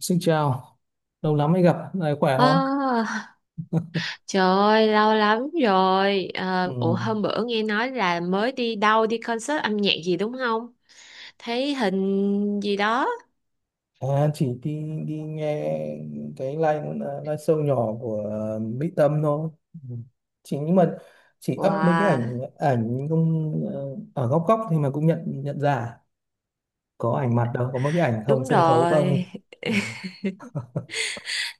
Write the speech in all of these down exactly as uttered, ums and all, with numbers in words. Xin chào, lâu lắm mới gặp, này khỏe À, không? trời ơi lâu lắm rồi. Ờ, Ủa, Ừ. hôm bữa nghe nói là mới đi đâu, đi concert âm nhạc gì đúng không? Thấy hình gì đó. À, chỉ đi đi nghe cái live live show nhỏ của ờ, Mỹ Tâm thôi. Ừ. Chỉ nhưng mà chỉ up mấy cái ảnh Wow, ảnh không ờ, ở góc góc thì mà cũng nhận nhận ra có ảnh mặt đâu, có mấy cái ảnh không đúng sân khấu không. rồi. Ừ.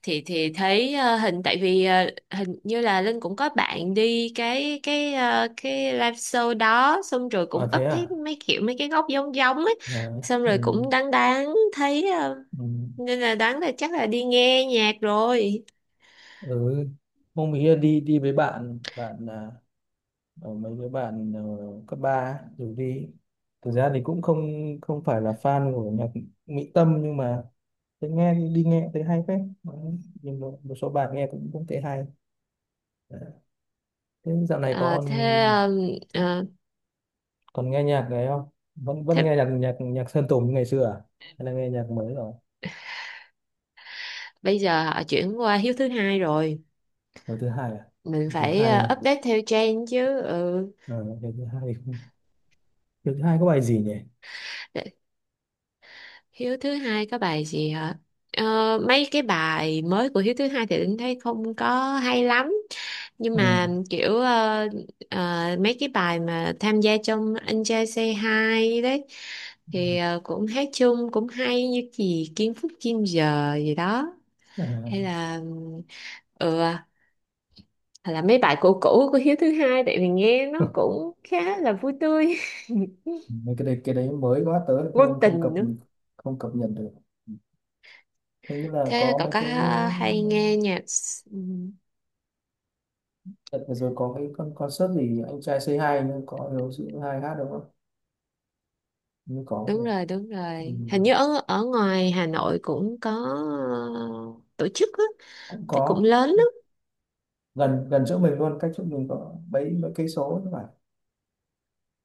Thì thì thấy ờ, hình, tại vì ờ, hình như là Linh cũng có bạn đi cái cái ờ, cái live show đó, xong rồi cũng À thế up thấy à? mấy kiểu mấy cái góc giống giống ấy. À. Xong ừ. rồi cũng đáng đáng thấy ờ, Ừ. nên là đáng là chắc là đi nghe nhạc rồi. Ừ. Hôm ấy đi đi với bạn bạn à? Ờ, mấy đứa bạn ờ, cấp ba rủ đi, thực ra thì cũng không không phải là fan của nhạc Mỹ Tâm, nhưng mà thế nghe thì đi nghe thấy hay phết. Đấy, nhưng một, một số bài nghe cũng cũng thấy hay. Đấy. Thế dạo này Ờ, còn thế còn nghe nhạc đấy không, vẫn vẫn Thế nghe nhạc nhạc nhạc Sơn Tùng như ngày xưa à, hay là nghe nhạc mới rồi? bây giờ họ chuyển qua hiếu thứ hai rồi, Lần thứ hai à? mình Lần thứ phải hai ờ, này update theo trend chứ. Ừ. ờ, lần thứ hai thì không, lần thứ hai có bài gì nhỉ? Để- Hiếu thứ hai có bài gì hả? Ờ, Mấy cái bài mới của Hiếu thứ hai thì Linh thấy không có hay lắm, nhưng Ừ. mà kiểu ờ, ờ, mấy cái bài mà tham gia trong Anh trai Say Hi đấy, Ừ. thì ờ, cũng hát chung cũng hay, như gì Kim Phúc Kim Giờ gì đó, hay À. là ừ, hoặc là mấy bài cũ cũ của Hiếu thứ hai, tại vì nghe nó cũng khá là vui tươi. Mấy cái đấy cái đấy mới quá tớ Ngôn không không cập, tình nữa. không cập nhật được. Ừ. Thế như là Thế có cậu mấy có cái hay nghe nhạc s- ừ, đợt vừa rồi có cái con concert gì anh trai Say hai nhưng có hiếu sĩ hai hát đúng không? Như có đúng rồi. rồi, đúng Ừ. rồi, hình như ở ở ngoài Hà Nội cũng có ờ, tổ chức á, Cũng thế cũng có lớn lắm. gần gần chỗ mình luôn, cách chỗ mình có mấy mấy cây số các bạn,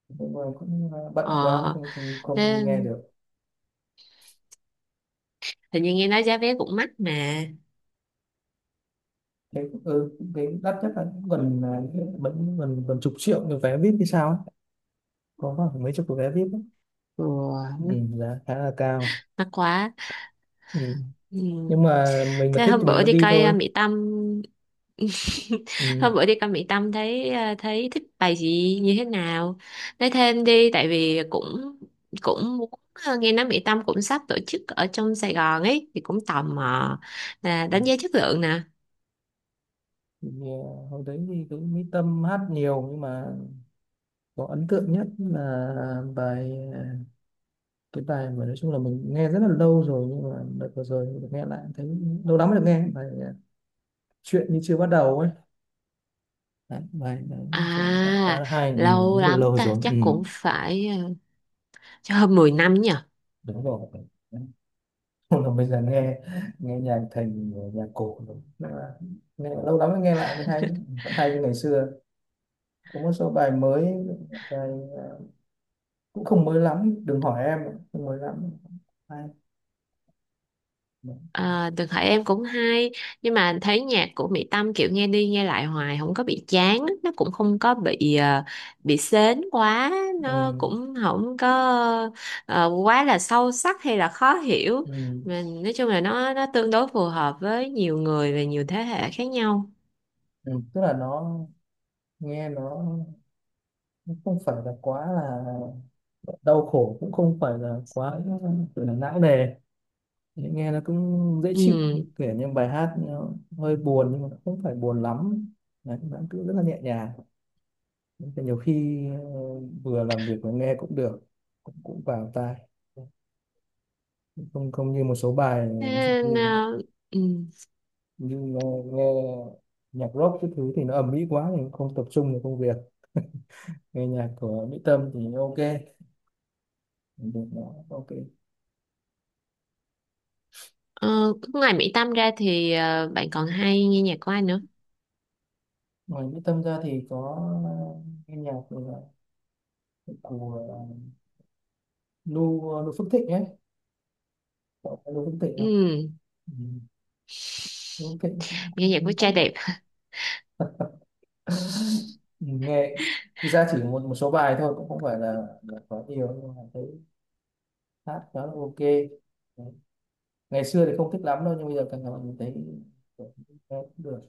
nhưng mà cũng ờ, bận quá ờ không, không, không đi Thế, nghe được. hình như nghe nói giá vé cũng mắc mà. Thế cũng- ừ, cái đắt nhất là cũng gần ờ, vẫn gần gần chục triệu cái vé vê i pê thì sao ấy. Có khoảng mấy chục cái vé vê i pê ấy. ừ, Ừ, giá khá là cao. Mắc quá. Ừ. Nhưng Ừ. mà mình mà Thế thích hôm thì mình bữa vẫn đi đi coi uh, thôi. Mỹ Tâm. Ừ. Hôm bữa đi con Mỹ Tâm thấy ờ, thấy thích bài gì, như thế nào? Nói thêm đi, tại vì cũng cũng muốn, ờ, nghe nói Mỹ Tâm cũng sắp tổ chức ở trong Sài Gòn ấy, thì cũng tò mò là đánh giá chất lượng nè. Thì, à, hồi đấy thì cũng Mỹ Tâm hát nhiều nhưng mà có ấn tượng nhất là bài ờ, cái bài mà nói chung là mình nghe rất là lâu rồi nhưng mà đợt vừa rồi được nghe lại thấy lâu lắm mới được nghe bài à, chuyện như chưa bắt đầu ấy. Đấy, bài đấy nói chung là hát khá À, là hay. Ừ, lâu rất là lắm lâu ta, rồi. chắc Ừ, cũng phải ờ, cho hơn mười năm nhỉ. đúng rồi. Không là bây giờ nghe nghe nhạc thành nhạc cổ rồi. Nên là nghe lâu lắm mới nghe lại thấy hay, vẫn hay như ngày xưa. Có một số bài mới, bài ờ, cũng không mới lắm đừng hỏi em, không mới lắm. Ai? Ừ, À, Đường Hải em cũng hay, nhưng mà thấy nhạc của Mỹ Tâm kiểu nghe đi nghe lại hoài không có bị chán, nó cũng không có bị ờ, bị sến quá, nó cũng không có ờ, quá là sâu sắc hay là khó hiểu. ừ, Mình nói chung là nó nó tương đối phù hợp với nhiều người và nhiều thế hệ khác nhau. ừ. Tức là nó nghe nó nó không phải là quá là đau khổ, cũng không phải là quá gọi là não nề, nghe nó cũng dễ Ừ. chịu. Kể như bài hát nó hơi buồn nhưng mà nó không phải buồn lắm. Đấy, nó cứ rất là nhẹ nhàng. Thế nhiều khi ờ, vừa làm việc vừa nghe cũng được, cũng, cũng vào tai, không không như một số bài, Thế, ờ, ừ. nhưng nghe, nghe nhạc rock cái thứ thì nó ầm ĩ quá thì không tập trung vào công việc, nghe nhạc của Mỹ Tâm thì ok được, nó ok. Ờ, Ngoài Mỹ Tâm ra thì ờ, bạn còn hay nghe nhạc của ai nữa? Ngoài Mỹ Tâm ra thì có nghe nhạc của của Nu Nu Phước Thịnh ấy. Cậu có Nu Phước Thịnh không? Ừ. Ừ. Nu Phước Thịnh cũng, Nghe cũng, nhạc của cũng trai cũng đẹp. nghe thực ra chỉ một một số bài thôi, cũng không phải là, là có nhiều nhưng mà thấy hát khá là ok. Đấy. Ngày xưa thì không thích lắm đâu nhưng bây giờ càng ngày mình thấy nghe cũng được.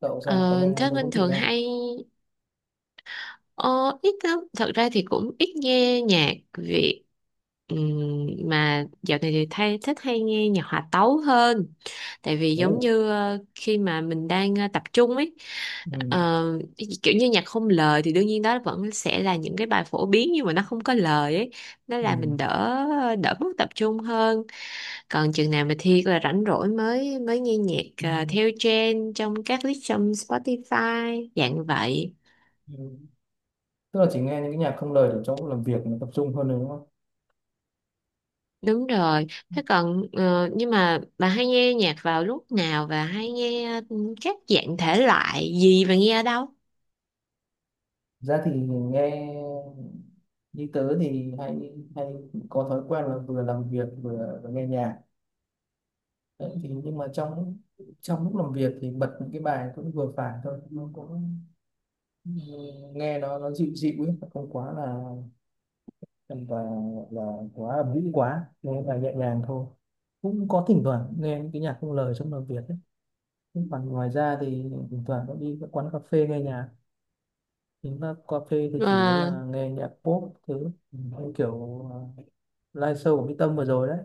Cậu ra có Ờ, nghe Thế Đỗ Phước Linh Thịnh thường không? hay ờ, ít lắm, thật ra thì cũng ít nghe nhạc Việt. Ừm, mà dạo này thì thay thích hay nghe nhạc hòa tấu hơn, tại vì giống Ồ. như ờ, khi mà mình đang ờ, tập trung ấy. Ừ. ờ, Kiểu như nhạc không lời thì đương nhiên đó vẫn sẽ là những cái bài phổ biến, nhưng mà nó không có lời ấy, nó là Ừ. mình đỡ đỡ mất tập trung hơn. Còn chừng nào mà Thi là rảnh rỗi mới mới nghe nhạc, ờ, theo trend trong các list trong Spotify dạng vậy. Ừ. Tức là chỉ nghe những cái nhạc không lời để trong lúc làm việc nó tập trung hơn rồi đúng không? Đúng rồi. Thế còn, ờ, nhưng mà bà hay nghe nhạc vào lúc nào, và hay nghe ừ, các dạng thể loại gì, và nghe ở đâu? Ra thì nghe như tớ thì hay hay có thói quen là vừa làm việc vừa, vừa nghe nhạc. Đấy, thì nhưng mà trong trong lúc làm việc thì bật những cái bài cũng vừa phải thôi, nó cũng ừ, nghe nó nó dịu dịu ấy, không quá là và là quá ầm ĩ, quá nghe bài nhẹ nhàng thôi, cũng có thỉnh thoảng nghe những cái nhạc không lời trong làm việc ấy. Nhưng còn ngoài ra thì thỉnh thoảng cũng đi các quán cà phê nghe nhạc, những các cà phê thì chủ yếu Ờ, là nghe nhạc pop thứ. Ừ, như kiểu ờ, live show của Mỹ Tâm vừa rồi đấy,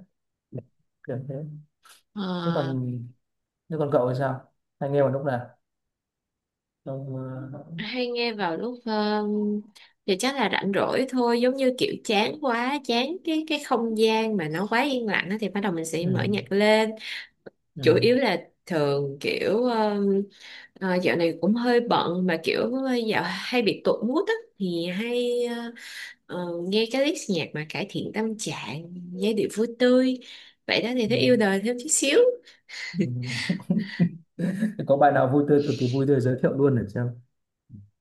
kiểu thế. Thế ờ. còn thế còn cậu thì sao, hay nghe vào lúc nào, trong ờ, Hay nghe vào lúc um, thì chắc là rảnh rỗi thôi, giống như kiểu chán quá chán cái cái không gian mà nó quá yên lặng á, thì bắt đầu mình sẽ ừ, mở nhạc lên. ừ, Chủ yếu là thường kiểu um, ờ, dạo này cũng hơi bận, mà kiểu dạo hay bị tụt mood á thì hay ờ, ờ, nghe cái list nhạc mà cải thiện tâm trạng, giai điệu vui tươi vậy đó, thì ừ, thấy yêu đời thêm chút xíu. ừ, Có bài nào vui tươi cực kỳ vui tươi giới thiệu luôn để xem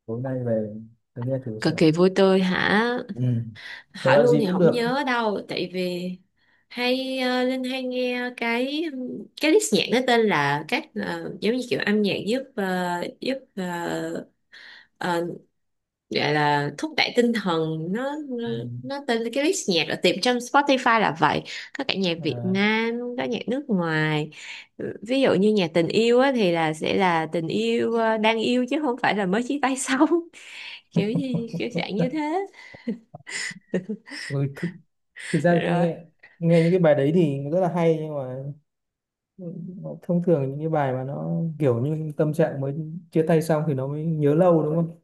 tối nay về tôi nghe thử Cực xem nào. kỳ vui tươi hả? Ừ. Thể Hỏi loại luôn gì thì cũng không được. nhớ đâu, tại vì hay, ờ, Linh hay nghe cái cái list nhạc, nó tên là các, ờ, giống như kiểu âm nhạc giúp, ờ, giúp ờ, ờ, gọi là thúc đẩy tinh thần, nó nó Ừ. nó tên là cái list nhạc ở tìm trong Spotify là vậy. Có cả nhạc Việt À, Nam, có nhạc nước ngoài. Ừ, ví dụ như nhạc tình yêu á, thì là sẽ là tình yêu, ờ, đang yêu, chứ không phải là mới chia tay xong. Kiểu gì kiểu dạng như thế. ừ, thực, thực ra cứ Rồi, nghe nghe những cái bài đấy thì rất là hay nhưng mà. Ừ, thông thường những cái bài mà nó kiểu như tâm trạng mới chia tay xong thì nó mới nhớ lâu đúng không,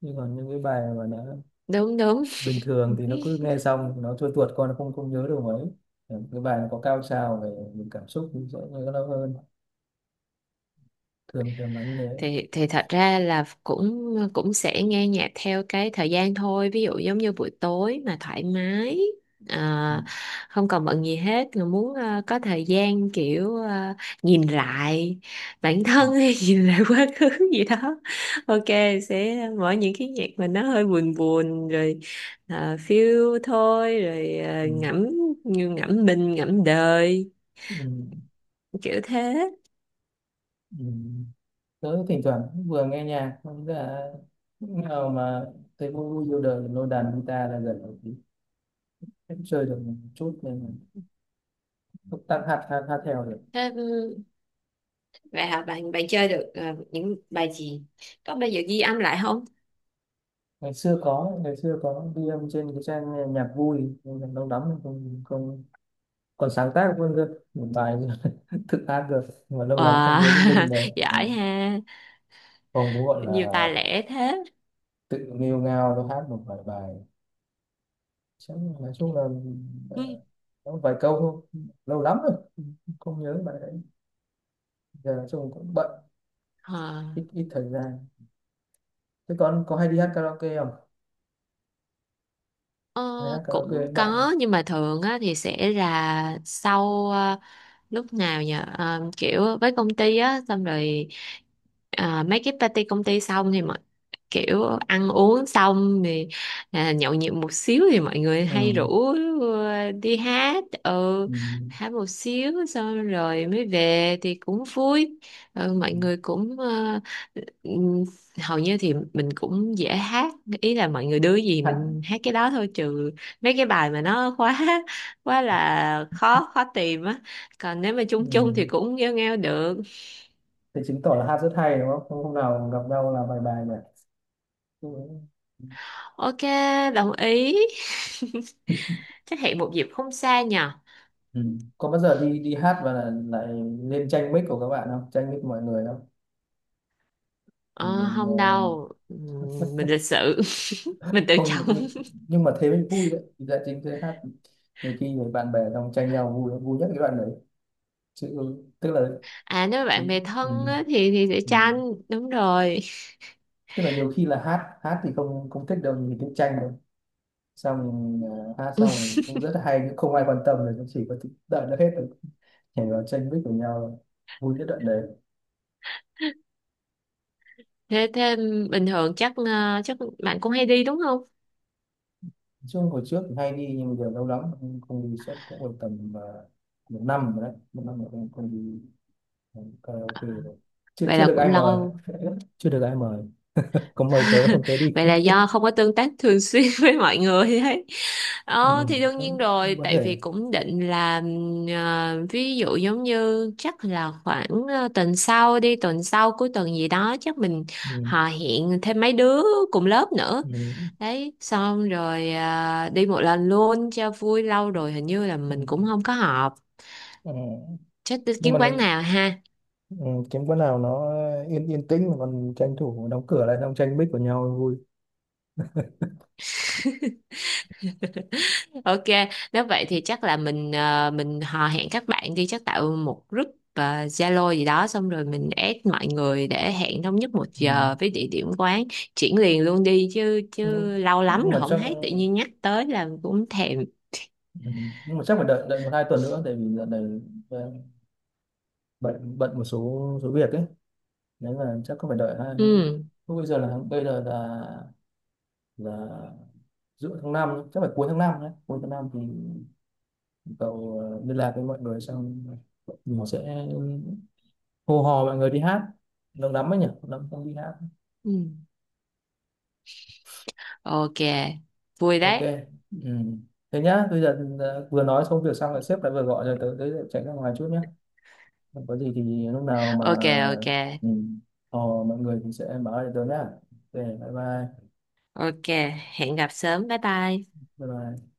nhưng còn những cái bài mà nó đúng đúng. bình thường thì nó cứ nghe xong nó trôi tuột qua nó không không nhớ được mấy. Ừ, cái bài nó có cao trào về những cảm xúc thì sẽ nhớ lâu hơn, thường thường là như thế. Thì thì thật ra là cũng cũng sẽ nghe nhạc theo cái thời gian thôi, ví dụ giống như buổi tối mà thoải mái, Ừ. à, không còn bận gì hết mà muốn, à, có thời gian kiểu, à, nhìn lại bản Ừ. thân hay nhìn lại quá khứ gì đó. Ok, sẽ mở những cái nhạc mà nó hơi buồn buồn rồi, à, phiêu thôi rồi, à, Ừ. ngẫm, như ngẫm mình ngẫm đời Ừ. Ừ. kiểu thế. Ừ. Tớ thỉnh thoảng cũng vừa nghe nhạc, không là lúc nào mà thấy vui vui vô đời lôi đàn guitar là gần một tí. Em chơi được một chút nên là túc tắc hát hát hát theo được. Thế, vậy hả? Bạn bạn chơi được ờ, những bài gì? Có bao giờ ghi âm lại không? Ngày xưa có ngày xưa có ghi âm trên cái trang nghe nhạc vui nhưng mà lâu lắm rồi không không, còn sáng tác luôn cơ một bài thức hát được nhưng mà lâu lắm không Wow, nhớ cái đinh đấy. Ừ. giỏi ha, Không cũng gọi là nhiều tài lẻ thế. tự nghêu ngao nó hát một vài bài, chắc là- nói chung là Ừ. ờ, có vài câu thôi, lâu lắm rồi không nhớ bài đấy, giờ nói chung cũng bận, Ờ, ít ít thời gian. Thế con có hay đi hát karaoke không, hay ờ, hát karaoke với Cũng bạn không? có, nhưng mà thường á, thì sẽ là sau, ờ, lúc nào nhờ, Ờ, kiểu với công ty á, xong rồi ờ, mấy cái party công ty xong, thì mọi kiểu ăn uống xong thì, à, nhậu nhẹt một xíu, thì mọi người Ừ. hay rủ ờ, đi hát. Ừ, Ừ. hát một xíu xong rồi mới về thì cũng vui. Ừ, mọi người cũng ờ, ừm, hầu như thì mình cũng dễ hát, ý là mọi người đưa gì Hát. mình hát cái đó thôi, trừ mấy cái bài mà nó quá quá là khó, khó tìm á. Còn nếu mà Ừ. chung chung thì cũng nghêu nghêu được. Thì chứng tỏ là hát rất hay đúng không? Không, hôm nào gặp nhau là bài bài nhỉ? Ừ. Ok, đồng ý. Chắc hẹn một dịp không xa nhờ. Ừ. Có bao giờ đi đi hát và là, lại lên tranh mic của các bạn không? Tranh mic mọi người không? Ừ, ờ, mình, ờ, Không đâu. Ừm, mình lịch sự. Mình tự Không, trọng. nhưng nhưng mà thế mới vui đấy. Thì Là chính thế hát nhiều khi người bạn bè trong tranh nhau vui, vui nhất cái đoạn đấy. Chứ tức là À, nếu mà ừ, bạn bè ừ. thân á, thì thì sẽ tranh đúng rồi. Tức là nhiều khi là hát hát thì không không thích đâu nhìn cái tranh đâu. Xong ờ, hát xong cũng rất là hay nhưng không ai quan tâm rồi cũng chỉ có thích đợi nó hết rồi nhảy vào tranh vích của nhau, vui nhất đoạn đấy. thế thế bình thường chắc, ờ, chắc bạn cũng hay đi đúng không? Chung hồi trước thì hay đi nhưng bây giờ lâu lắm không, không đi chắc cũng còn tầm à, một năm rồi đấy, một năm rồi không, không đi à, karaoke rồi, chưa Vậy chưa là được cũng ai mời. lâu. Chưa được ai mời, có mời tớ không tớ đi. Vậy là do không có tương tác thường xuyên với mọi người ấy. Ừ, Ờ, thì đương cũng, nhiên cũng rồi, có tại thể. vì cũng định là, ừm, ờ, ví dụ giống như chắc là khoảng ờ, tuần sau đi, tuần sau cuối tuần gì đó chắc mình Ừ, họ hẹn thêm mấy đứa cùng lớp nữa. ừ, Đấy, xong rồi ờ, đi một lần luôn cho vui, lâu rồi hình như là ừ. mình cũng không có họp. Ừ. Chắc đi Nhưng kiếm mà quán nào ha. ừ, kiếm quán nào nó yên yên tĩnh mà còn tranh thủ đóng cửa lại xong tranh bích của nhau vui. Ok, nếu vậy thì chắc là mình ờ, mình hò hẹn các bạn đi, chắc tạo một group ờ, Zalo gì đó, xong rồi mình add mọi người để hẹn thống nhất một Ừ. giờ với địa điểm quán. Chuyển liền luôn đi chứ, chứ nhưng, lâu lắm nhưng rồi mà không chắc. thấy, tự nhiên nhắc tới là cũng thèm. Ừ. Nhưng mà chắc phải đợi đợi một hai tuần nữa tại vì dạo này ờ, bận bận một số số việc ấy, nên là chắc có phải đợi hai, Ừ. lúc bây giờ là bây giờ là là giữa tháng năm ấy, chắc phải cuối tháng năm đấy, cuối tháng năm thì cậu ờ, liên lạc với mọi người xong mình sẽ hô hò mọi người đi hát, lâu lắm ấy nhỉ, lâu lắm không đi hát. Ừ. Ok, vui Ok. đấy. Ừ. Thế nhá bây giờ ờ, vừa nói xong việc xong là sếp lại vừa gọi rồi, tới tới chạy ra ngoài chút nhá. Không có gì thì lúc nào mà Ok, ok. ừ, hò mọi người thì sẽ báo lại tớ nhá. Ok, bye bye. Ok, hẹn gặp sớm. Bye bye. Bye bye.